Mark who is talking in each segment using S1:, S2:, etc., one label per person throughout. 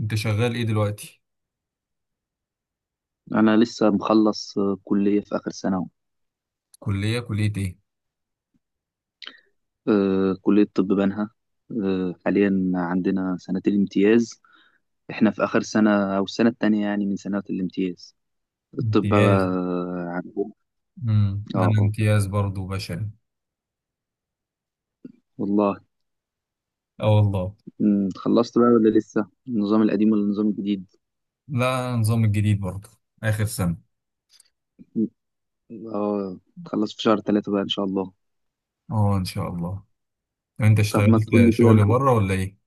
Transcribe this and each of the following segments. S1: انت شغال ايه دلوقتي؟
S2: أنا لسه مخلص، كلية في آخر سنة أهو.
S1: كلية ايه؟
S2: كلية طب بنها. حاليا عندنا سنة الامتياز. إحنا في آخر سنة أو السنة التانية يعني من سنوات الامتياز الطب بقى.
S1: امتياز.
S2: عندهم. آه
S1: انا
S2: آه،
S1: امتياز برضو بشري.
S2: والله.
S1: اه، والله.
S2: خلصت بقى ولا لسه، النظام القديم ولا النظام الجديد؟
S1: لا، النظام الجديد برضو. اخر سنة.
S2: مم، تخلص في شهر 3 بقى إن شاء الله.
S1: اه، ان شاء الله. طب انت
S2: طب ما
S1: اشتغلت
S2: تقول لي كده
S1: شغل
S2: أنت.
S1: بره ولا ايه؟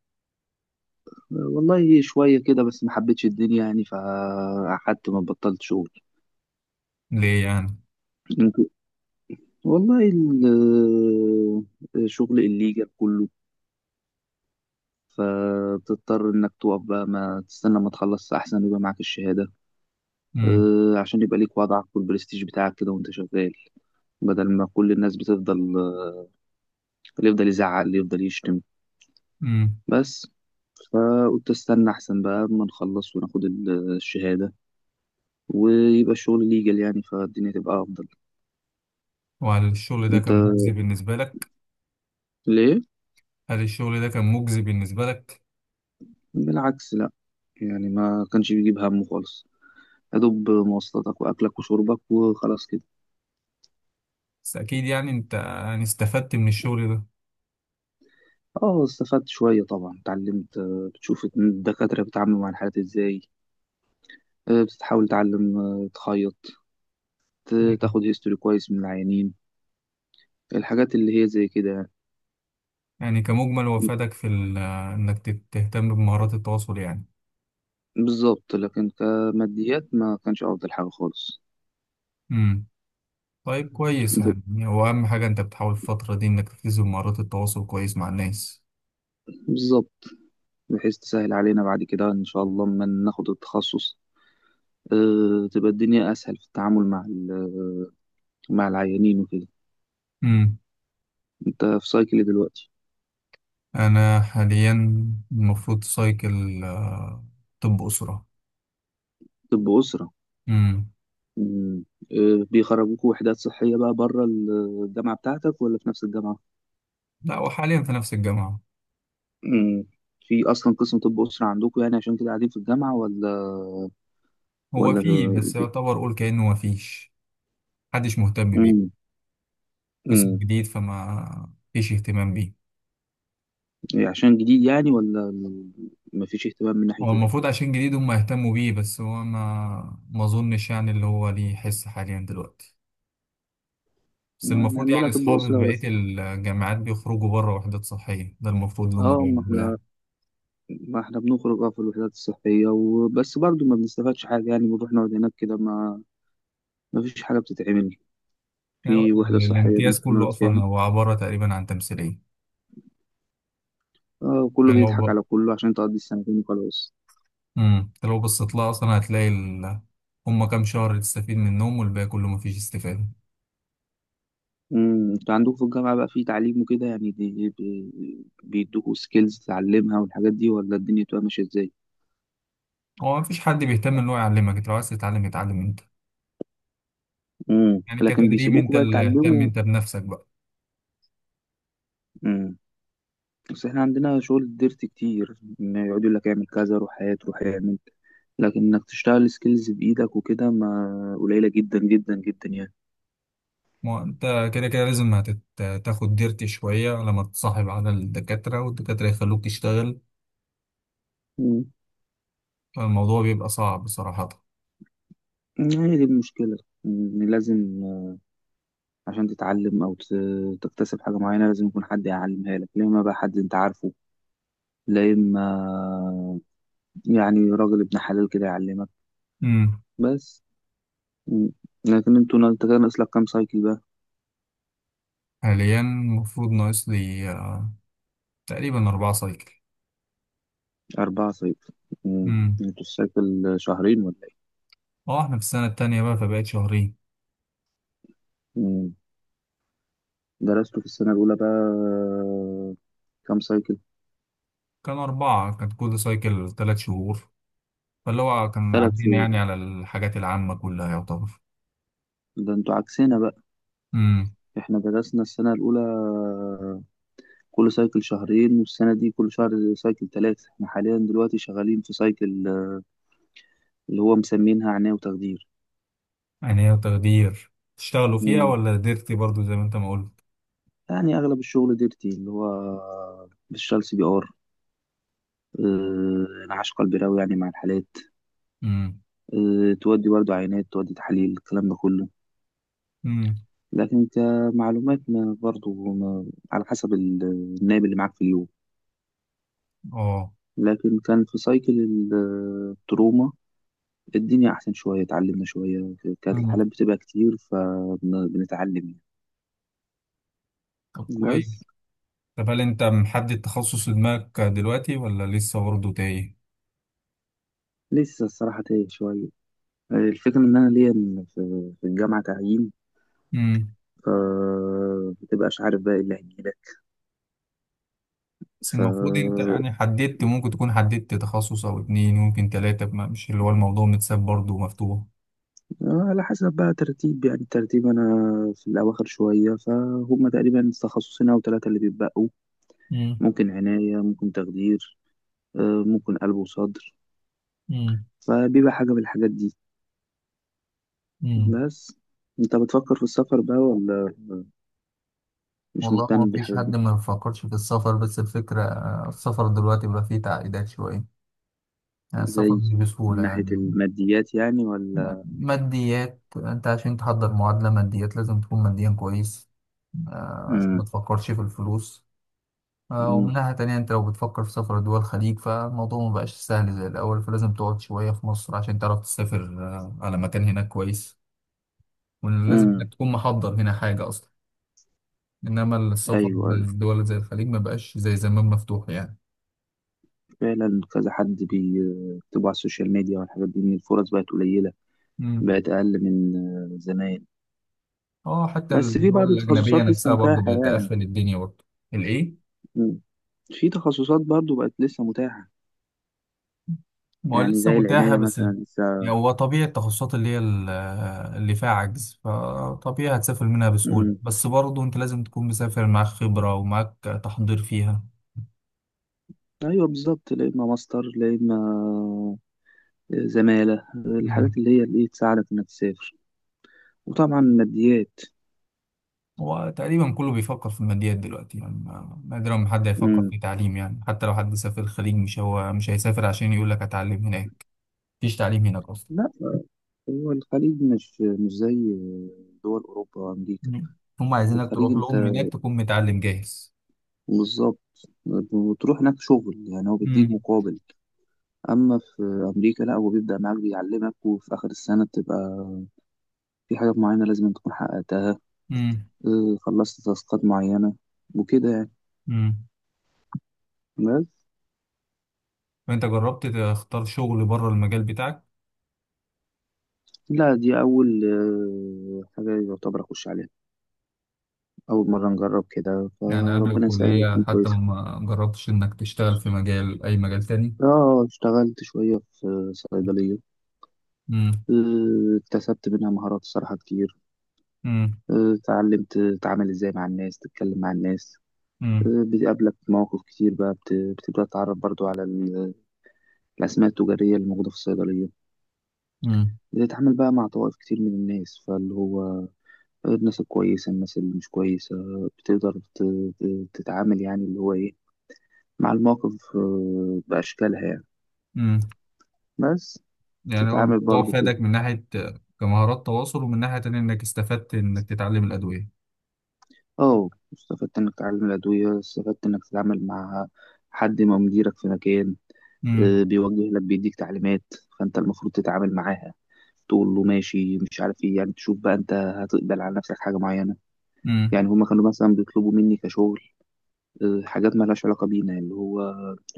S2: والله شوية كده بس ما حبيتش الدنيا يعني، فقعدت ما بطلت شغل.
S1: ليه يعني؟
S2: والله ال- شغل الليجا كله. فبتضطر انك تقف بقى، ما تستنى ما تخلص احسن يبقى معاك الشهادة.
S1: امم.
S2: عشان يبقى ليك وضعك والبرستيج بتاعك كده وانت شغال. بدل ما كل الناس بتفضل اللي يفضل يزعق اللي يفضل يشتم.
S1: امم.
S2: بس. فقلت استنى احسن بقى اما نخلص وناخد الشهادة. ويبقى الشغل ليجل يعني، فالدنيا تبقى افضل.
S1: وهل الشغل ده
S2: انت
S1: كان مجزي بالنسبة لك؟
S2: ليه؟
S1: هل الشغل ده كان مجزي بالنسبة لك؟
S2: بالعكس، لا. يعني ما كانش بيجيب همه خالص. يا دوب مواصلاتك واكلك وشربك وخلاص كده.
S1: بس اكيد يعني انت يعني استفدت من الشغل ده.
S2: اه استفدت شويه طبعا، اتعلمت، بتشوف الدكاتره بيتعاملوا مع الحالات ازاي. بتحاول تتعلم، تخيط، تاخد هيستوري كويس من العيانين. الحاجات اللي هي زي كده يعني.
S1: يعني كمجمل وفادك انك تهتم بمهارات التواصل.
S2: بالظبط، لكن كماديات ما كانش افضل حاجه خالص.
S1: يعني طيب كويس، يعني هو أهم حاجة أنت بتحاول الفترة دي إنك تركز بمهارات التواصل كويس مع الناس.
S2: بالظبط. بحيث تسهل علينا بعد كده ان شاء الله لما ناخد التخصص. تبقى الدنيا اسهل في التعامل مع مع العيانين وكده.
S1: مم.
S2: انت في سايكل دلوقتي؟
S1: أنا حاليا المفروض سايكل طب أسرة.
S2: طب اسره؟
S1: مم.
S2: مم. بيخرجوكوا وحدات صحية بقى بره الجامعة بتاعتك ولا في نفس الجامعة؟
S1: لا، وحاليا في نفس الجامعة.
S2: مم. في أصلا قسم طب أسرة عندكوا يعني عشان كده قاعدين في الجامعة ولا؟
S1: هو
S2: ولا.
S1: فيه بس يعتبر قول كأنه مفيش. محدش مهتم بيه.
S2: مم.
S1: قسم
S2: مم.
S1: جديد فما فيش اهتمام بيه.
S2: عشان جديد يعني، ولا مفيش اهتمام من ناحية
S1: هو
S2: إيه؟
S1: المفروض عشان جديد هم يهتموا بيه، بس هو ما أظنش يعني اللي هو ليه حس حاليا دلوقتي. بس
S2: يعني
S1: المفروض
S2: عندنا
S1: يعني
S2: طب
S1: أصحابي في
S2: أسرة
S1: بقية
S2: بس.
S1: الجامعات بيخرجوا بره وحدات صحية، ده المفروض اللي هم
S2: اه ما
S1: بيعملوه
S2: احنا
S1: يعني.
S2: ما احنا بنخرج اه في الوحدات الصحية وبس، برضو ما بنستفادش حاجة يعني، بنروح نقعد هناك كده، ما فيش حاجة بتتعمل.
S1: يعني
S2: في وحدة صحية
S1: الامتياز
S2: بنروح
S1: كله
S2: نقعد
S1: أصلا
S2: فيها.
S1: هو عبارة تقريبا عن تمثيلية.
S2: اه، كله
S1: يعني لو
S2: بيضحك
S1: ب...
S2: على كله عشان تقضي السنتين وخلاص.
S1: مم. أنت لو بصيت لها أصلا هم كام شهر تستفيد منهم والباقي كله مفيش استفادة.
S2: امم، انتوا عندكم في الجامعة بقى في تعليم وكده يعني؟ دي بيدوكوا سكيلز تتعلمها والحاجات دي، ولا الدنيا بتبقى ماشية ازاي؟
S1: هو مفيش حد بيهتم إن هو يعلمك، أنت لو عايز تتعلم اتعلم أنت.
S2: امم،
S1: يعني
S2: لكن
S1: كتدريب أنت
S2: بيسيبوكوا بقى
S1: اللي اهتم
S2: تتعلموا.
S1: أنت بنفسك بقى.
S2: امم. بس احنا عندنا شغل ديرت كتير، إن يقعدوا يقول لك اعمل كذا روح هات روح اعمل. لكن انك تشتغل سكيلز بايدك وكده، ما قليلة جدا جدا جدا يعني.
S1: ما هو أنت كده كده لازم تاخد ديرتي شوية لما تتصاحب على الدكاترة والدكاترة يخلوك تشتغل.
S2: امم.
S1: الموضوع بيبقى صعب صراحة.
S2: هي دي المشكلة. إن لازم عشان تتعلم او تكتسب حاجه معينه، لازم يكون حد يعلمها لك. لا اما بقى حد انت عارفه، لا اما يعني راجل ابن حلال كده يعلمك.
S1: امم.
S2: بس. مم. لكن انتوا، انت كان ناقص لك كام سايكل بقى؟
S1: حاليا المفروض ناقص لي تقريبا 4 سايكل.
S2: 4 سايكل. مم.
S1: امم.
S2: انتوا السايكل شهرين ولا ايه؟
S1: اه، احنا في السنة التانية بقى فبقت شهرين.
S2: مم. درستوا في السنه الاولى بقى كام سايكل؟
S1: كان أربعة، كانت كل سايكل 3 شهور. فاللي هو كان
S2: ثلاث
S1: عدينا
S2: شهور
S1: يعني على الحاجات العامة كلها يعتبر.
S2: ده انتوا عكسنا بقى.
S1: امم.
S2: احنا درسنا السنه الاولى كل سايكل شهرين، والسنه دي كل شهر سايكل ثلاثه. احنا حاليا دلوقتي شغالين في سايكل اللي هو مسمينها عناية وتخدير.
S1: يعني هي تقدير تشتغلوا فيها
S2: امم.
S1: ولا قدرتي برضو زي ما انت ما قلت.
S2: يعني أغلب الشغل ديرتي، اللي هو بالشال CPR. انعاش قلبي راوي يعني مع الحالات.
S1: امم.
S2: تودي برضو عينات، تودي تحاليل، الكلام ده كله.
S1: امم.
S2: لكن كمعلومات ما برضو ما على حسب النائب اللي معاك في اليوم.
S1: اه.
S2: لكن كان في سايكل التروما، الدنيا أحسن شوية، اتعلمنا شوية. كانت
S1: امم.
S2: الحالات بتبقى كتير، فبنتعلم يعني.
S1: طب كويس.
S2: بس.
S1: طب هل انت محدد تخصص في دماغك دلوقتي ولا لسه برضه تايه؟
S2: لسه الصراحة تايه شوية. الفكرة إن أنا ليا في الجامعة تعيين.
S1: امم.
S2: فمتبقاش عارف بقى إيه اللي هيجيلك.
S1: بس
S2: ف
S1: المفروض انت يعني حددت، ممكن تكون حددت تخصص او اتنين، ممكن تلاتة، مش اللي هو الموضوع متساب برضه مفتوح.
S2: على حسب بقى ترتيب يعني. الترتيب أنا في الأواخر شوية، فهم تقريبا تخصصين أو ثلاثة اللي بيتبقوا.
S1: مم.
S2: ممكن عناية، ممكن تخدير، ممكن قلب وصدر.
S1: مم.
S2: فبيبقى حاجة من الحاجات دي.
S1: مم.
S2: بس. أنت بتفكر في السفر بقى، ولا مش
S1: والله ما
S2: مهتم
S1: فيش
S2: بالحاجات
S1: حد
S2: دي؟
S1: ما بيفكرش في السفر، بس الفكرة السفر دلوقتي بقى فيه تعقيدات شوية. يعني السفر
S2: زي
S1: مش بسهولة
S2: من ناحية
S1: يعني.
S2: الماديات يعني،
S1: م-
S2: ولا؟
S1: ماديات انت عشان تحضر معادلة ماديات لازم تكون ماديا كويس. عشان ما
S2: مم.
S1: تفكرش في الفلوس. ومن
S2: مم.
S1: ناحية تانية أنت لو بتفكر في سفر دول الخليج فالموضوع مبقاش سهل زي الأول، فلازم تقعد شوية في مصر عشان تعرف تسافر على مكان هناك كويس. ولازم
S2: مم.
S1: إنك تكون محضر هنا حاجة أصلا. إنما السفر
S2: أيوه. أيوه.
S1: للدول زي الخليج مبقاش زي زمان مفتوح يعني.
S2: فعلا كذا حد بيكتبوا على السوشيال ميديا والحاجات دي، ان الفرص بقت قليله.
S1: مم.
S2: بقت اقل من زمان.
S1: اه، حتى
S2: بس في
S1: الدول
S2: بعض
S1: الأجنبية
S2: التخصصات لسه
S1: نفسها برضه
S2: متاحه
S1: بقت
S2: يعني.
S1: تقفل الدنيا برضه. الإيه؟
S2: مم. في تخصصات برضو بقت لسه متاحه.
S1: ما هو
S2: يعني
S1: لسه
S2: زي
S1: متاحة
S2: العنايه مثلا لسه.
S1: يعني هو طبيعي التخصصات اللي فيها عجز فطبيعي هتسافر منها بسهولة،
S2: مم.
S1: بس برضه أنت لازم تكون مسافر معاك خبرة ومعاك تحضير فيها.
S2: ايوه بالظبط. لا اما ماستر، لا اما زماله، الحاجات
S1: مم.
S2: اللي هي اللي تساعدك انك تسافر. وطبعا ماديات.
S1: هو تقريبا كله بيفكر في الماديات دلوقتي، يعني نادرا ما حد هيفكر
S2: مم.
S1: في تعليم، يعني حتى لو حد سافر الخليج مش هو مش هيسافر عشان يقول لك هتعلم هناك. مفيش تعليم هناك أصلا.
S2: لا، هو الخليج مش زي دول اوروبا وامريكا.
S1: مم. هم عايزينك
S2: الخليج
S1: تروح
S2: انت
S1: لهم هناك تكون متعلم جاهز.
S2: بالظبط، وتروح هناك شغل يعني هو بيديك
S1: مم.
S2: مقابل. اما في امريكا لا، هو بيبدا معاك بيعلمك، وفي اخر السنه بتبقى في حاجات معينه لازم تكون حققتها.
S1: مم.
S2: خلصت تاسكات معينه وكده يعني.
S1: امم.
S2: بس.
S1: فأنت جربت تختار شغل بره المجال بتاعك؟
S2: لا، دي اول حاجه يعتبر اخش عليها. اول مره نجرب كده،
S1: يعني قبل
S2: فربنا يسهل وتكون
S1: الكلية حتى
S2: كويسه.
S1: ما جربتش إنك تشتغل في مجال أي مجال تاني؟
S2: اه، اشتغلت شويه في صيدليه.
S1: مم.
S2: اكتسبت منها مهارات صراحه كتير.
S1: مم.
S2: اتعلمت تتعامل ازاي مع الناس، تتكلم مع الناس.
S1: مم.
S2: بتقابلك مواقف كتير بقى، بتبدأ تتعرف برضو على الأسماء التجارية اللي موجودة في الصيدلية.
S1: مم.
S2: بتتعامل بقى مع طوائف كتير من الناس، فاللي هو الناس الكويسة، الناس اللي مش كويسة. بتقدر تتعامل يعني اللي هو إيه، مع المواقف بأشكالها يعني.
S1: مم.
S2: بس.
S1: يعني هو
S2: تتعامل
S1: الموضوع
S2: برضو كده.
S1: فادك من ناحية كمهارات تواصل، ومن ناحية تانية إنك استفدت إنك تتعلم الأدوية.
S2: اه، استفدت إنك تتعلم الأدوية، استفدت إنك تتعامل مع حد ما مديرك في مكان،
S1: مم.
S2: بيوجه لك بيديك تعليمات. فانت المفروض تتعامل معاها، تقول له ماشي مش عارف ايه يعني، تشوف بقى انت هتقبل على نفسك حاجة معينة.
S1: مم.
S2: يعني هما كانوا مثلا بيطلبوا مني كشغل حاجات ما لهاش علاقة بينا، اللي هو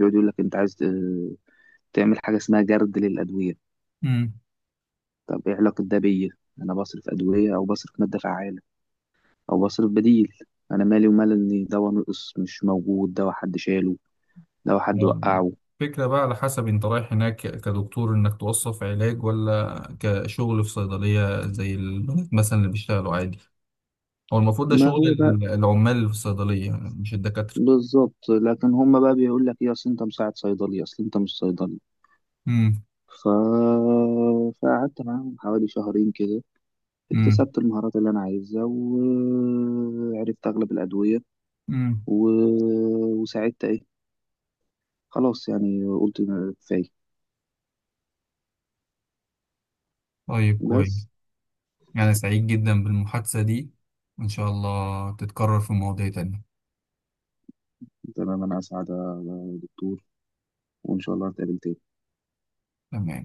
S2: يقعد يقول لك انت عايز تعمل حاجة اسمها جرد للأدوية.
S1: مم.
S2: طب ايه علاقة ده بيا؟ انا بصرف أدوية او بصرف مادة فعالة، او بصرف بديل. انا مالي ومال ان دواء نقص مش موجود، دواء حد شاله، دواء حد
S1: هو
S2: وقعه.
S1: الفكرة بقى على حسب أنت رايح هناك كدكتور إنك توصف علاج ولا كشغل في صيدلية زي البنات مثلا اللي بيشتغلوا عادي. هو المفروض ده
S2: ما
S1: شغل
S2: هو ده.
S1: العمال في الصيدلية مش الدكاترة.
S2: بالظبط، لكن هما بقى بيقول لك ايه، اصل انت مساعد صيدلي، اصل انت مش صيدلي.
S1: مم.
S2: ف... فقعدت معاهم حوالي شهرين كده.
S1: مم.
S2: اكتسبت المهارات اللي انا عايزها وعرفت اغلب الادويه.
S1: مم.
S2: و... وساعدت ايه. خلاص يعني قلت كفايه.
S1: طيب كويس.
S2: بس.
S1: أنا سعيد جدا بالمحادثة دي، وإن شاء الله تتكرر في مواضيع تانية.
S2: تمام، انا اسعد يا دكتور، وان شاء الله نتقابل تاني.
S1: تمام.